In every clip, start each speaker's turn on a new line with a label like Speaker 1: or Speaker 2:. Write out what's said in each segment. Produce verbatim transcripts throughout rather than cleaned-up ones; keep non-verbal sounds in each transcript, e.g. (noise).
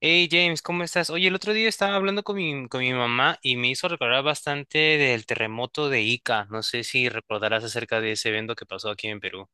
Speaker 1: Hey James, ¿cómo estás? Oye, el otro día estaba hablando con mi, con mi mamá y me hizo recordar bastante del terremoto de Ica. No sé si recordarás acerca de ese evento que pasó aquí en Perú.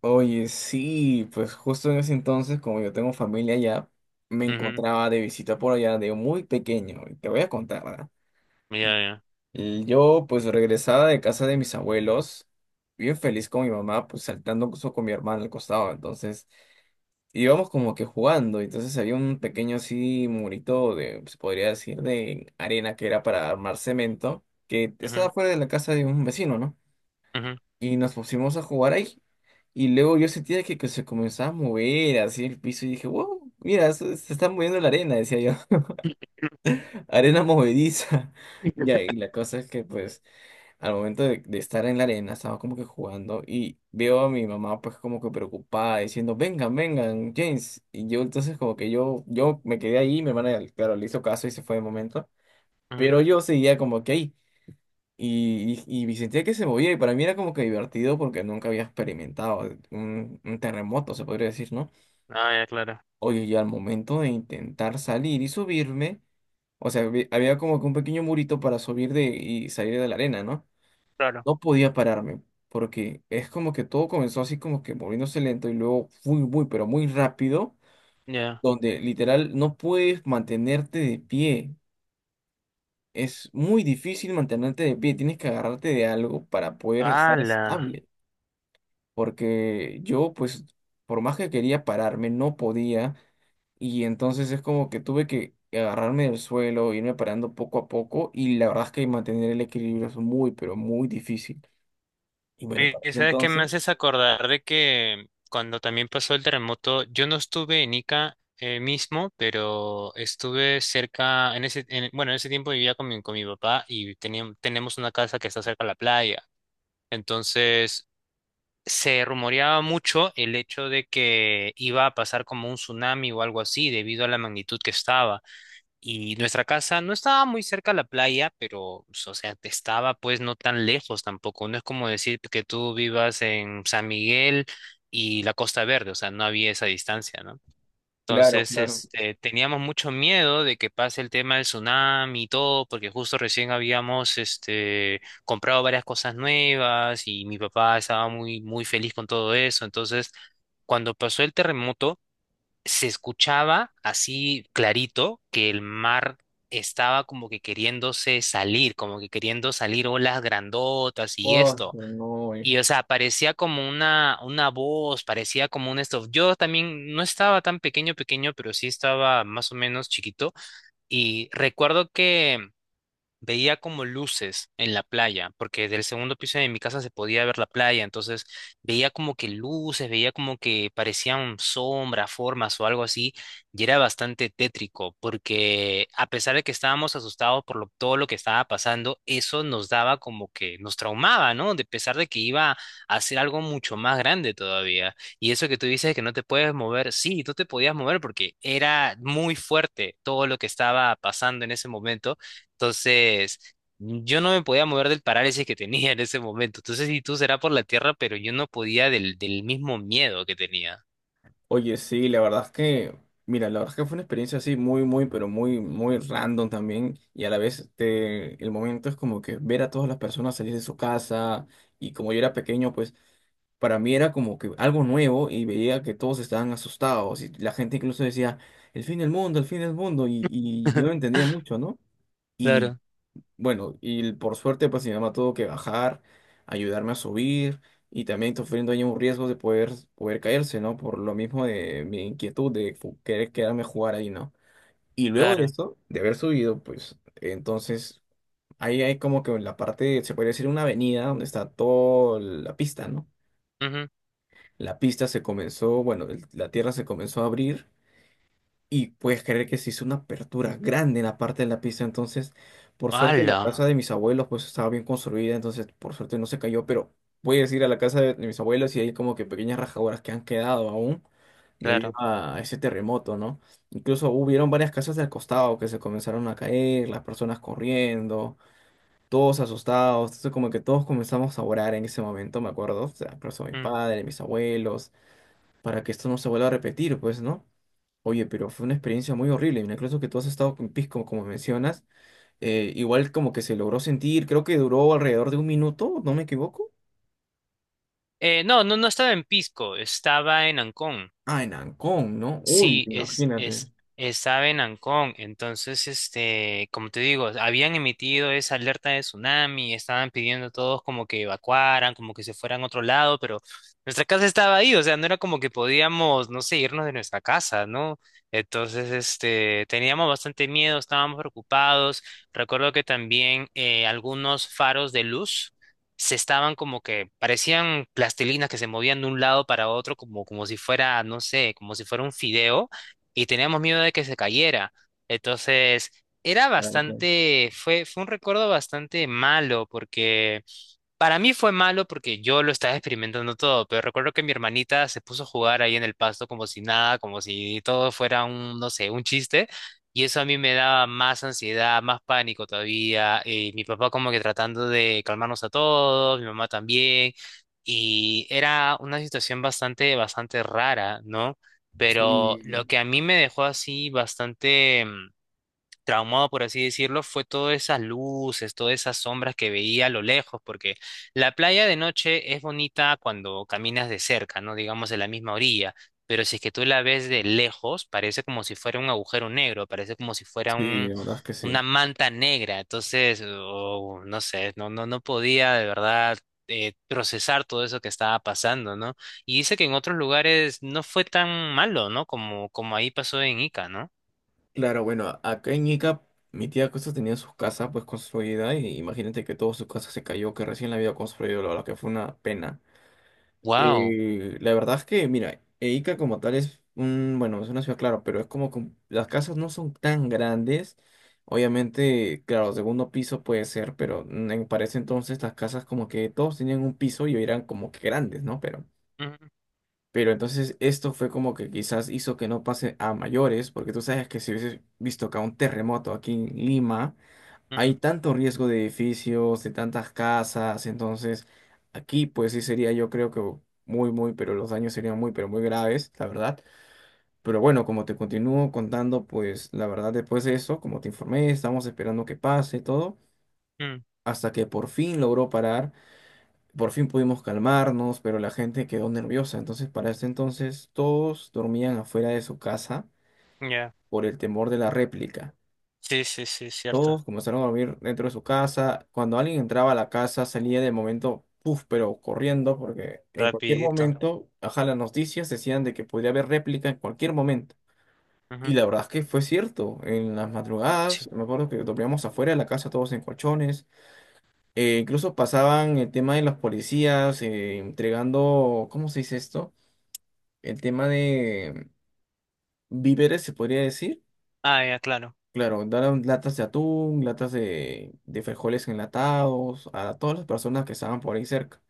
Speaker 2: Oye, sí, pues justo en ese entonces, como yo tengo familia allá, me
Speaker 1: Ujú.
Speaker 2: encontraba de visita por allá de muy pequeño. Y te voy a contar, ¿verdad?
Speaker 1: Ya, ya.
Speaker 2: Y yo, pues, regresaba de casa de mis abuelos, bien feliz con mi mamá, pues, saltando incluso con mi hermana al costado. Entonces, íbamos como que jugando. Entonces, había un pequeño así murito de, se podría decir, de arena que era para armar cemento, que estaba
Speaker 1: Ujú,
Speaker 2: fuera de la casa de un vecino, ¿no?
Speaker 1: ujú,
Speaker 2: Y nos pusimos a jugar ahí. Y luego yo sentía que, que se comenzaba a mover así el piso y dije, wow, mira, se, se está moviendo la arena, decía yo, (laughs) arena movediza. (laughs) Ya, y la cosa es que pues al momento de, de estar en la arena estaba como que jugando y veo a mi mamá pues como que preocupada diciendo, vengan, vengan, James. Y yo entonces como que yo, yo me quedé ahí, mi hermana claro, le hizo caso y se fue de momento,
Speaker 1: ujú.
Speaker 2: pero yo seguía como que ahí. Y, y, y sentía que se movía y para mí era como que divertido porque nunca había experimentado un, un terremoto, se podría decir, ¿no?
Speaker 1: Ah, ya, claro.
Speaker 2: Oye, y al momento de intentar salir y subirme, o sea, había había como que un pequeño murito para subir de, y salir de la arena, ¿no?
Speaker 1: Claro.
Speaker 2: No podía pararme porque es como que todo comenzó así como que moviéndose lento y luego muy, muy, pero muy rápido,
Speaker 1: Ya.
Speaker 2: donde literal no puedes mantenerte de pie. Es muy difícil mantenerte de pie, tienes que agarrarte de algo para poder estar
Speaker 1: ¡Hala!
Speaker 2: estable. Porque yo pues por más que quería pararme no podía y entonces es como que tuve que agarrarme del suelo, irme parando poco a poco y la verdad es que mantener el equilibrio es muy pero muy difícil. Y bueno,
Speaker 1: Oye,
Speaker 2: para ese
Speaker 1: ¿sabes qué me
Speaker 2: entonces,
Speaker 1: haces acordar de que cuando también pasó el terremoto, yo no estuve en Ica eh, mismo, pero estuve cerca, en ese, en- bueno, en ese tiempo vivía con mi, con mi papá y teníamos, tenemos una casa que está cerca de la playa. Entonces, se rumoreaba mucho el hecho de que iba a pasar como un tsunami o algo así debido a la magnitud que estaba. Y nuestra casa no estaba muy cerca a la playa, pero, pues, o sea, te estaba pues no tan lejos tampoco. No es como decir que tú vivas en San Miguel y la Costa Verde, o sea, no había esa distancia, ¿no?
Speaker 2: claro,
Speaker 1: Entonces,
Speaker 2: claro.
Speaker 1: este, teníamos mucho miedo de que pase el tema del tsunami y todo, porque justo recién habíamos, este, comprado varias cosas nuevas y mi papá estaba muy, muy feliz con todo eso. Entonces, cuando pasó el terremoto, se escuchaba así clarito que el mar estaba como que queriéndose salir, como que queriendo salir olas grandotas y
Speaker 2: Oh,
Speaker 1: esto.
Speaker 2: no.
Speaker 1: Y, o sea, parecía como una, una voz, parecía como un esto. Yo también no estaba tan pequeño, pequeño, pero sí estaba más o menos chiquito. Y recuerdo que veía como luces en la playa, porque del segundo piso de mi casa se podía ver la playa, entonces veía como que luces, veía como que parecían sombras, formas o algo así, y era bastante tétrico, porque a pesar de que estábamos asustados por lo- todo lo que estaba pasando, eso nos daba como que nos traumaba, ¿no? De pesar de que iba a ser algo mucho más grande todavía. Y eso que tú dices que no te puedes mover, sí, tú te podías mover porque era muy fuerte todo lo que estaba pasando en ese momento, entonces yo no me podía mover del parálisis que tenía en ese momento. Entonces, si tú será por la tierra, pero yo no podía del, del mismo miedo que tenía.
Speaker 2: Oye, sí, la verdad es que, mira, la verdad es que fue una experiencia así muy, muy, pero muy, muy random también. Y a la vez, este, el momento es como que ver a todas las personas salir de su casa. Y como yo era pequeño, pues para mí era como que algo nuevo y veía que todos estaban asustados. Y la gente incluso decía, el fin del mundo, el fin del mundo. Y, y yo no
Speaker 1: (laughs)
Speaker 2: entendía mucho, ¿no?
Speaker 1: Claro,
Speaker 2: Bueno, y por suerte, pues mi mamá tuvo que bajar, ayudarme a subir y también sufriendo ahí un riesgo de poder, poder caerse, ¿no? Por lo mismo de mi inquietud de fu- querer quedarme a jugar ahí, ¿no? Y luego de
Speaker 1: claro.
Speaker 2: eso, de haber subido, pues entonces ahí hay como que la parte, se podría decir una avenida donde está toda la pista, ¿no?
Speaker 1: Ujú.
Speaker 2: La pista se comenzó, bueno, el- la tierra se comenzó a abrir y puedes creer que se hizo una apertura grande en la parte de la pista. Entonces, por suerte, la
Speaker 1: ¡Hala!
Speaker 2: casa de mis abuelos pues estaba bien construida. Entonces, por suerte no se cayó. Pero puedes ir a la casa de, de mis abuelos y hay como que pequeñas rajaduras que han quedado aún debido
Speaker 1: Claro.
Speaker 2: a ese terremoto, ¿no? Incluso hubieron varias casas del costado que se comenzaron a caer, las personas corriendo, todos asustados. Entonces, como que todos comenzamos a orar en ese momento, me acuerdo. O sea, por eso mis
Speaker 1: Mm.
Speaker 2: padres, mis abuelos, para que esto no se vuelva a repetir, pues, ¿no? Oye, pero fue una experiencia muy horrible. Incluso que tú has estado con Pisco, como mencionas, eh, igual como que se logró sentir, creo que duró alrededor de un minuto, ¿no me equivoco?
Speaker 1: Eh, no, no, no estaba en Pisco, estaba en Ancón.
Speaker 2: Ah, en Ancón, ¿no? Uy,
Speaker 1: Sí, es,
Speaker 2: imagínate.
Speaker 1: es, estaba en Ancón, entonces, este, como te digo, habían emitido esa alerta de tsunami, estaban pidiendo a todos como que evacuaran, como que se fueran a otro lado, pero nuestra casa estaba ahí, o sea, no era como que podíamos, no sé, irnos de nuestra casa, ¿no? Entonces, este, teníamos bastante miedo, estábamos preocupados. Recuerdo que también eh, algunos faros de luz se estaban como que parecían plastilinas que se movían de un lado para otro como, como si fuera, no sé, como si fuera un fideo y teníamos miedo de que se cayera. Entonces, era
Speaker 2: Claro, claro.
Speaker 1: bastante, fue, fue un recuerdo bastante malo porque para mí fue malo porque yo lo estaba experimentando todo, pero recuerdo que mi hermanita se puso a jugar ahí en el pasto como si nada, como si todo fuera un, no sé, un chiste, y eso a mí me daba más ansiedad, más pánico todavía, y mi papá como que tratando de calmarnos a todos, mi mamá también, y era una situación bastante, bastante rara, ¿no? Pero
Speaker 2: Sí,
Speaker 1: lo que a mí me dejó así bastante mm, traumado, por así decirlo, fue todas esas luces, todas esas sombras que veía a lo lejos, porque la playa de noche es bonita cuando caminas de cerca, ¿no? Digamos de la misma orilla, pero si es que tú la ves de lejos, parece como si fuera un agujero negro, parece como si fuera
Speaker 2: sí,
Speaker 1: un,
Speaker 2: la verdad es que sí.
Speaker 1: una manta negra, entonces, oh, no sé, no, no, no podía de verdad eh, procesar todo eso que estaba pasando, ¿no? Y dice que en otros lugares no fue tan malo, ¿no? Como, como ahí pasó en Ica, ¿no?
Speaker 2: Claro, bueno, a- acá en Ica, mi tía Costa tenía su casa pues construida y imagínate que toda su casa se cayó, que recién la había construido, la verdad que fue una pena.
Speaker 1: Wow.
Speaker 2: Eh, la verdad es que, mira, e Ica como tal es un, bueno, es una ciudad, claro, pero es como que las casas no son tan grandes. Obviamente, claro, segundo piso puede ser, pero mm, en- para ese entonces las casas como que todos tenían un piso y eran como que grandes, ¿no? Pero, pero entonces esto fue como que quizás hizo que no pase a mayores, porque tú sabes que si hubiese visto acá un terremoto aquí en Lima, hay tanto riesgo de edificios, de tantas casas, entonces aquí pues sí sería yo creo que muy, muy, pero los daños serían muy, pero muy graves, la verdad. Pero bueno, como te continúo contando, pues la verdad después de eso, como te informé, estamos esperando que pase todo,
Speaker 1: Mm,
Speaker 2: hasta que por fin logró parar, por fin pudimos calmarnos, pero la gente quedó nerviosa, entonces para ese entonces todos dormían afuera de su casa
Speaker 1: ya.
Speaker 2: por el temor de la réplica.
Speaker 1: Sí, sí, sí, cierto.
Speaker 2: Todos comenzaron a dormir dentro de su casa. Cuando alguien entraba a la casa, salía de momento, puff, pero corriendo, porque en cualquier
Speaker 1: Rapidito.
Speaker 2: momento, ajá, las noticias decían de que podía haber réplica en cualquier momento. Y
Speaker 1: Ujú.
Speaker 2: la verdad es que fue cierto. En las
Speaker 1: Sí.
Speaker 2: madrugadas, me acuerdo que dormíamos afuera de la casa todos en colchones. Eh, incluso pasaban el tema de los policías eh, entregando, ¿cómo se dice esto? El tema de víveres, se podría decir.
Speaker 1: Ah, ya, claro.
Speaker 2: Claro, daban latas de atún, latas de, de frijoles enlatados, a todas las personas que estaban por ahí cerca.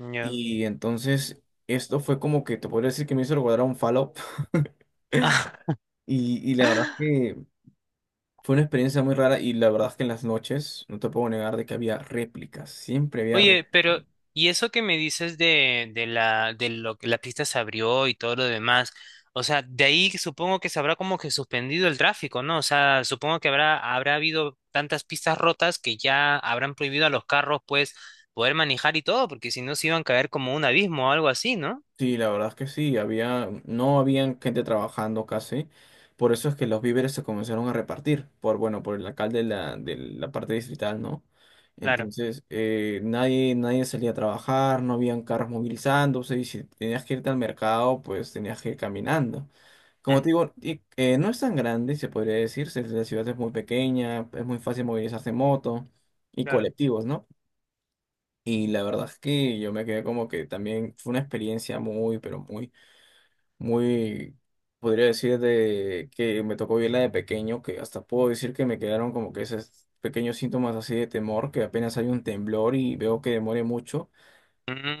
Speaker 1: Ya.
Speaker 2: Y entonces esto fue como que te podría decir que me hizo recordar a un Fallout. (laughs)
Speaker 1: (laughs)
Speaker 2: Y, y la verdad es que fue una experiencia muy rara y la verdad es que en las noches, no te puedo negar de que había réplicas, siempre había
Speaker 1: Oye,
Speaker 2: réplicas.
Speaker 1: pero, ¿y eso que me dices de, de la, de lo que la pista se abrió y todo lo demás? O sea, de ahí supongo que se habrá como que suspendido el tráfico, ¿no? O sea, supongo que habrá, habrá habido tantas pistas rotas que ya habrán prohibido a los carros, pues, poder manejar y todo, porque si no se iban a caer como un abismo o algo así, ¿no?
Speaker 2: Sí, la verdad es que sí, había, no habían gente trabajando casi, por eso es que los víveres se comenzaron a repartir, por, bueno, por el alcalde de la, de la parte distrital, ¿no?
Speaker 1: Claro.
Speaker 2: Entonces, eh, nadie, nadie salía a trabajar, no habían carros movilizándose, y si tenías que irte al mercado, pues tenías que ir caminando. Como te
Speaker 1: Mm,
Speaker 2: digo, y- eh, no es tan grande, se podría decir, se- la ciudad es muy pequeña, es muy fácil movilizarse en moto y
Speaker 1: claro.
Speaker 2: colectivos, ¿no? Y la verdad es que yo me quedé como que también fue una experiencia muy, pero muy muy, podría decir, de que me tocó vivirla de pequeño, que hasta puedo decir que me quedaron como que esos pequeños síntomas así de temor, que apenas hay un temblor y veo que demore mucho,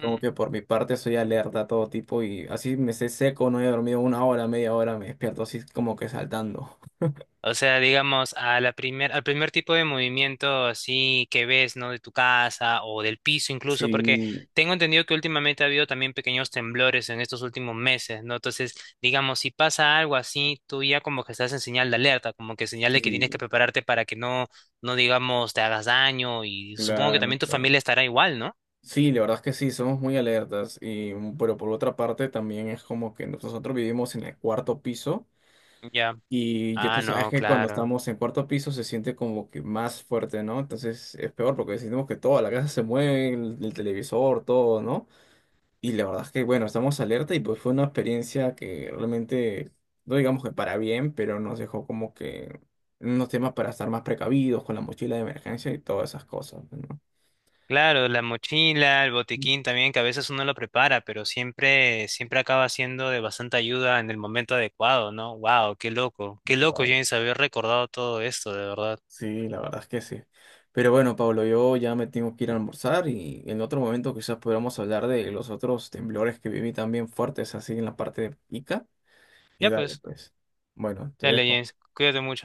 Speaker 2: como que por mi parte soy alerta a todo tipo y así me esté seco, no he dormido una hora, media hora, me despierto así como que saltando. (laughs)
Speaker 1: O sea, digamos, a la primer, al primer tipo de movimiento así que ves, ¿no? De tu casa o del piso incluso, porque
Speaker 2: Sí,
Speaker 1: tengo entendido que últimamente ha habido también pequeños temblores en estos últimos meses, ¿no? Entonces, digamos, si pasa algo así, tú ya como que estás en señal de alerta, como que señal de que tienes que
Speaker 2: sí,
Speaker 1: prepararte para que no, no digamos, te hagas daño, y supongo que
Speaker 2: claro,
Speaker 1: también tu
Speaker 2: claro.
Speaker 1: familia estará igual, ¿no?
Speaker 2: Sí, la verdad es que sí, somos muy alertas, y, pero por otra parte también es como que nosotros vivimos en el cuarto piso.
Speaker 1: Ya.
Speaker 2: Y ya tú
Speaker 1: Ah,
Speaker 2: sabes
Speaker 1: no,
Speaker 2: que cuando
Speaker 1: claro.
Speaker 2: estamos en cuarto piso se siente como que más fuerte, ¿no? Entonces es peor porque sentimos que toda la casa se mueve, el, el televisor, todo, ¿no? Y la verdad es que, bueno, estamos alerta y pues fue una experiencia que realmente, no digamos que para bien, pero nos dejó como que unos temas para estar más precavidos con la mochila de emergencia y todas esas cosas, ¿no?
Speaker 1: Claro, la mochila, el botiquín también, que a veces uno lo prepara, pero siempre, siempre acaba siendo de bastante ayuda en el momento adecuado, ¿no? Wow, qué loco, qué loco,
Speaker 2: Claro.
Speaker 1: James, haber recordado todo esto, de verdad.
Speaker 2: Sí, la verdad es que sí. Pero bueno, Pablo, yo ya me tengo que ir a almorzar y en otro momento quizás podamos hablar de los otros temblores que viví también fuertes así en la parte de Ica. Y
Speaker 1: Ya
Speaker 2: dale,
Speaker 1: pues,
Speaker 2: pues. Bueno, te
Speaker 1: dale,
Speaker 2: dejo.
Speaker 1: James, cuídate mucho.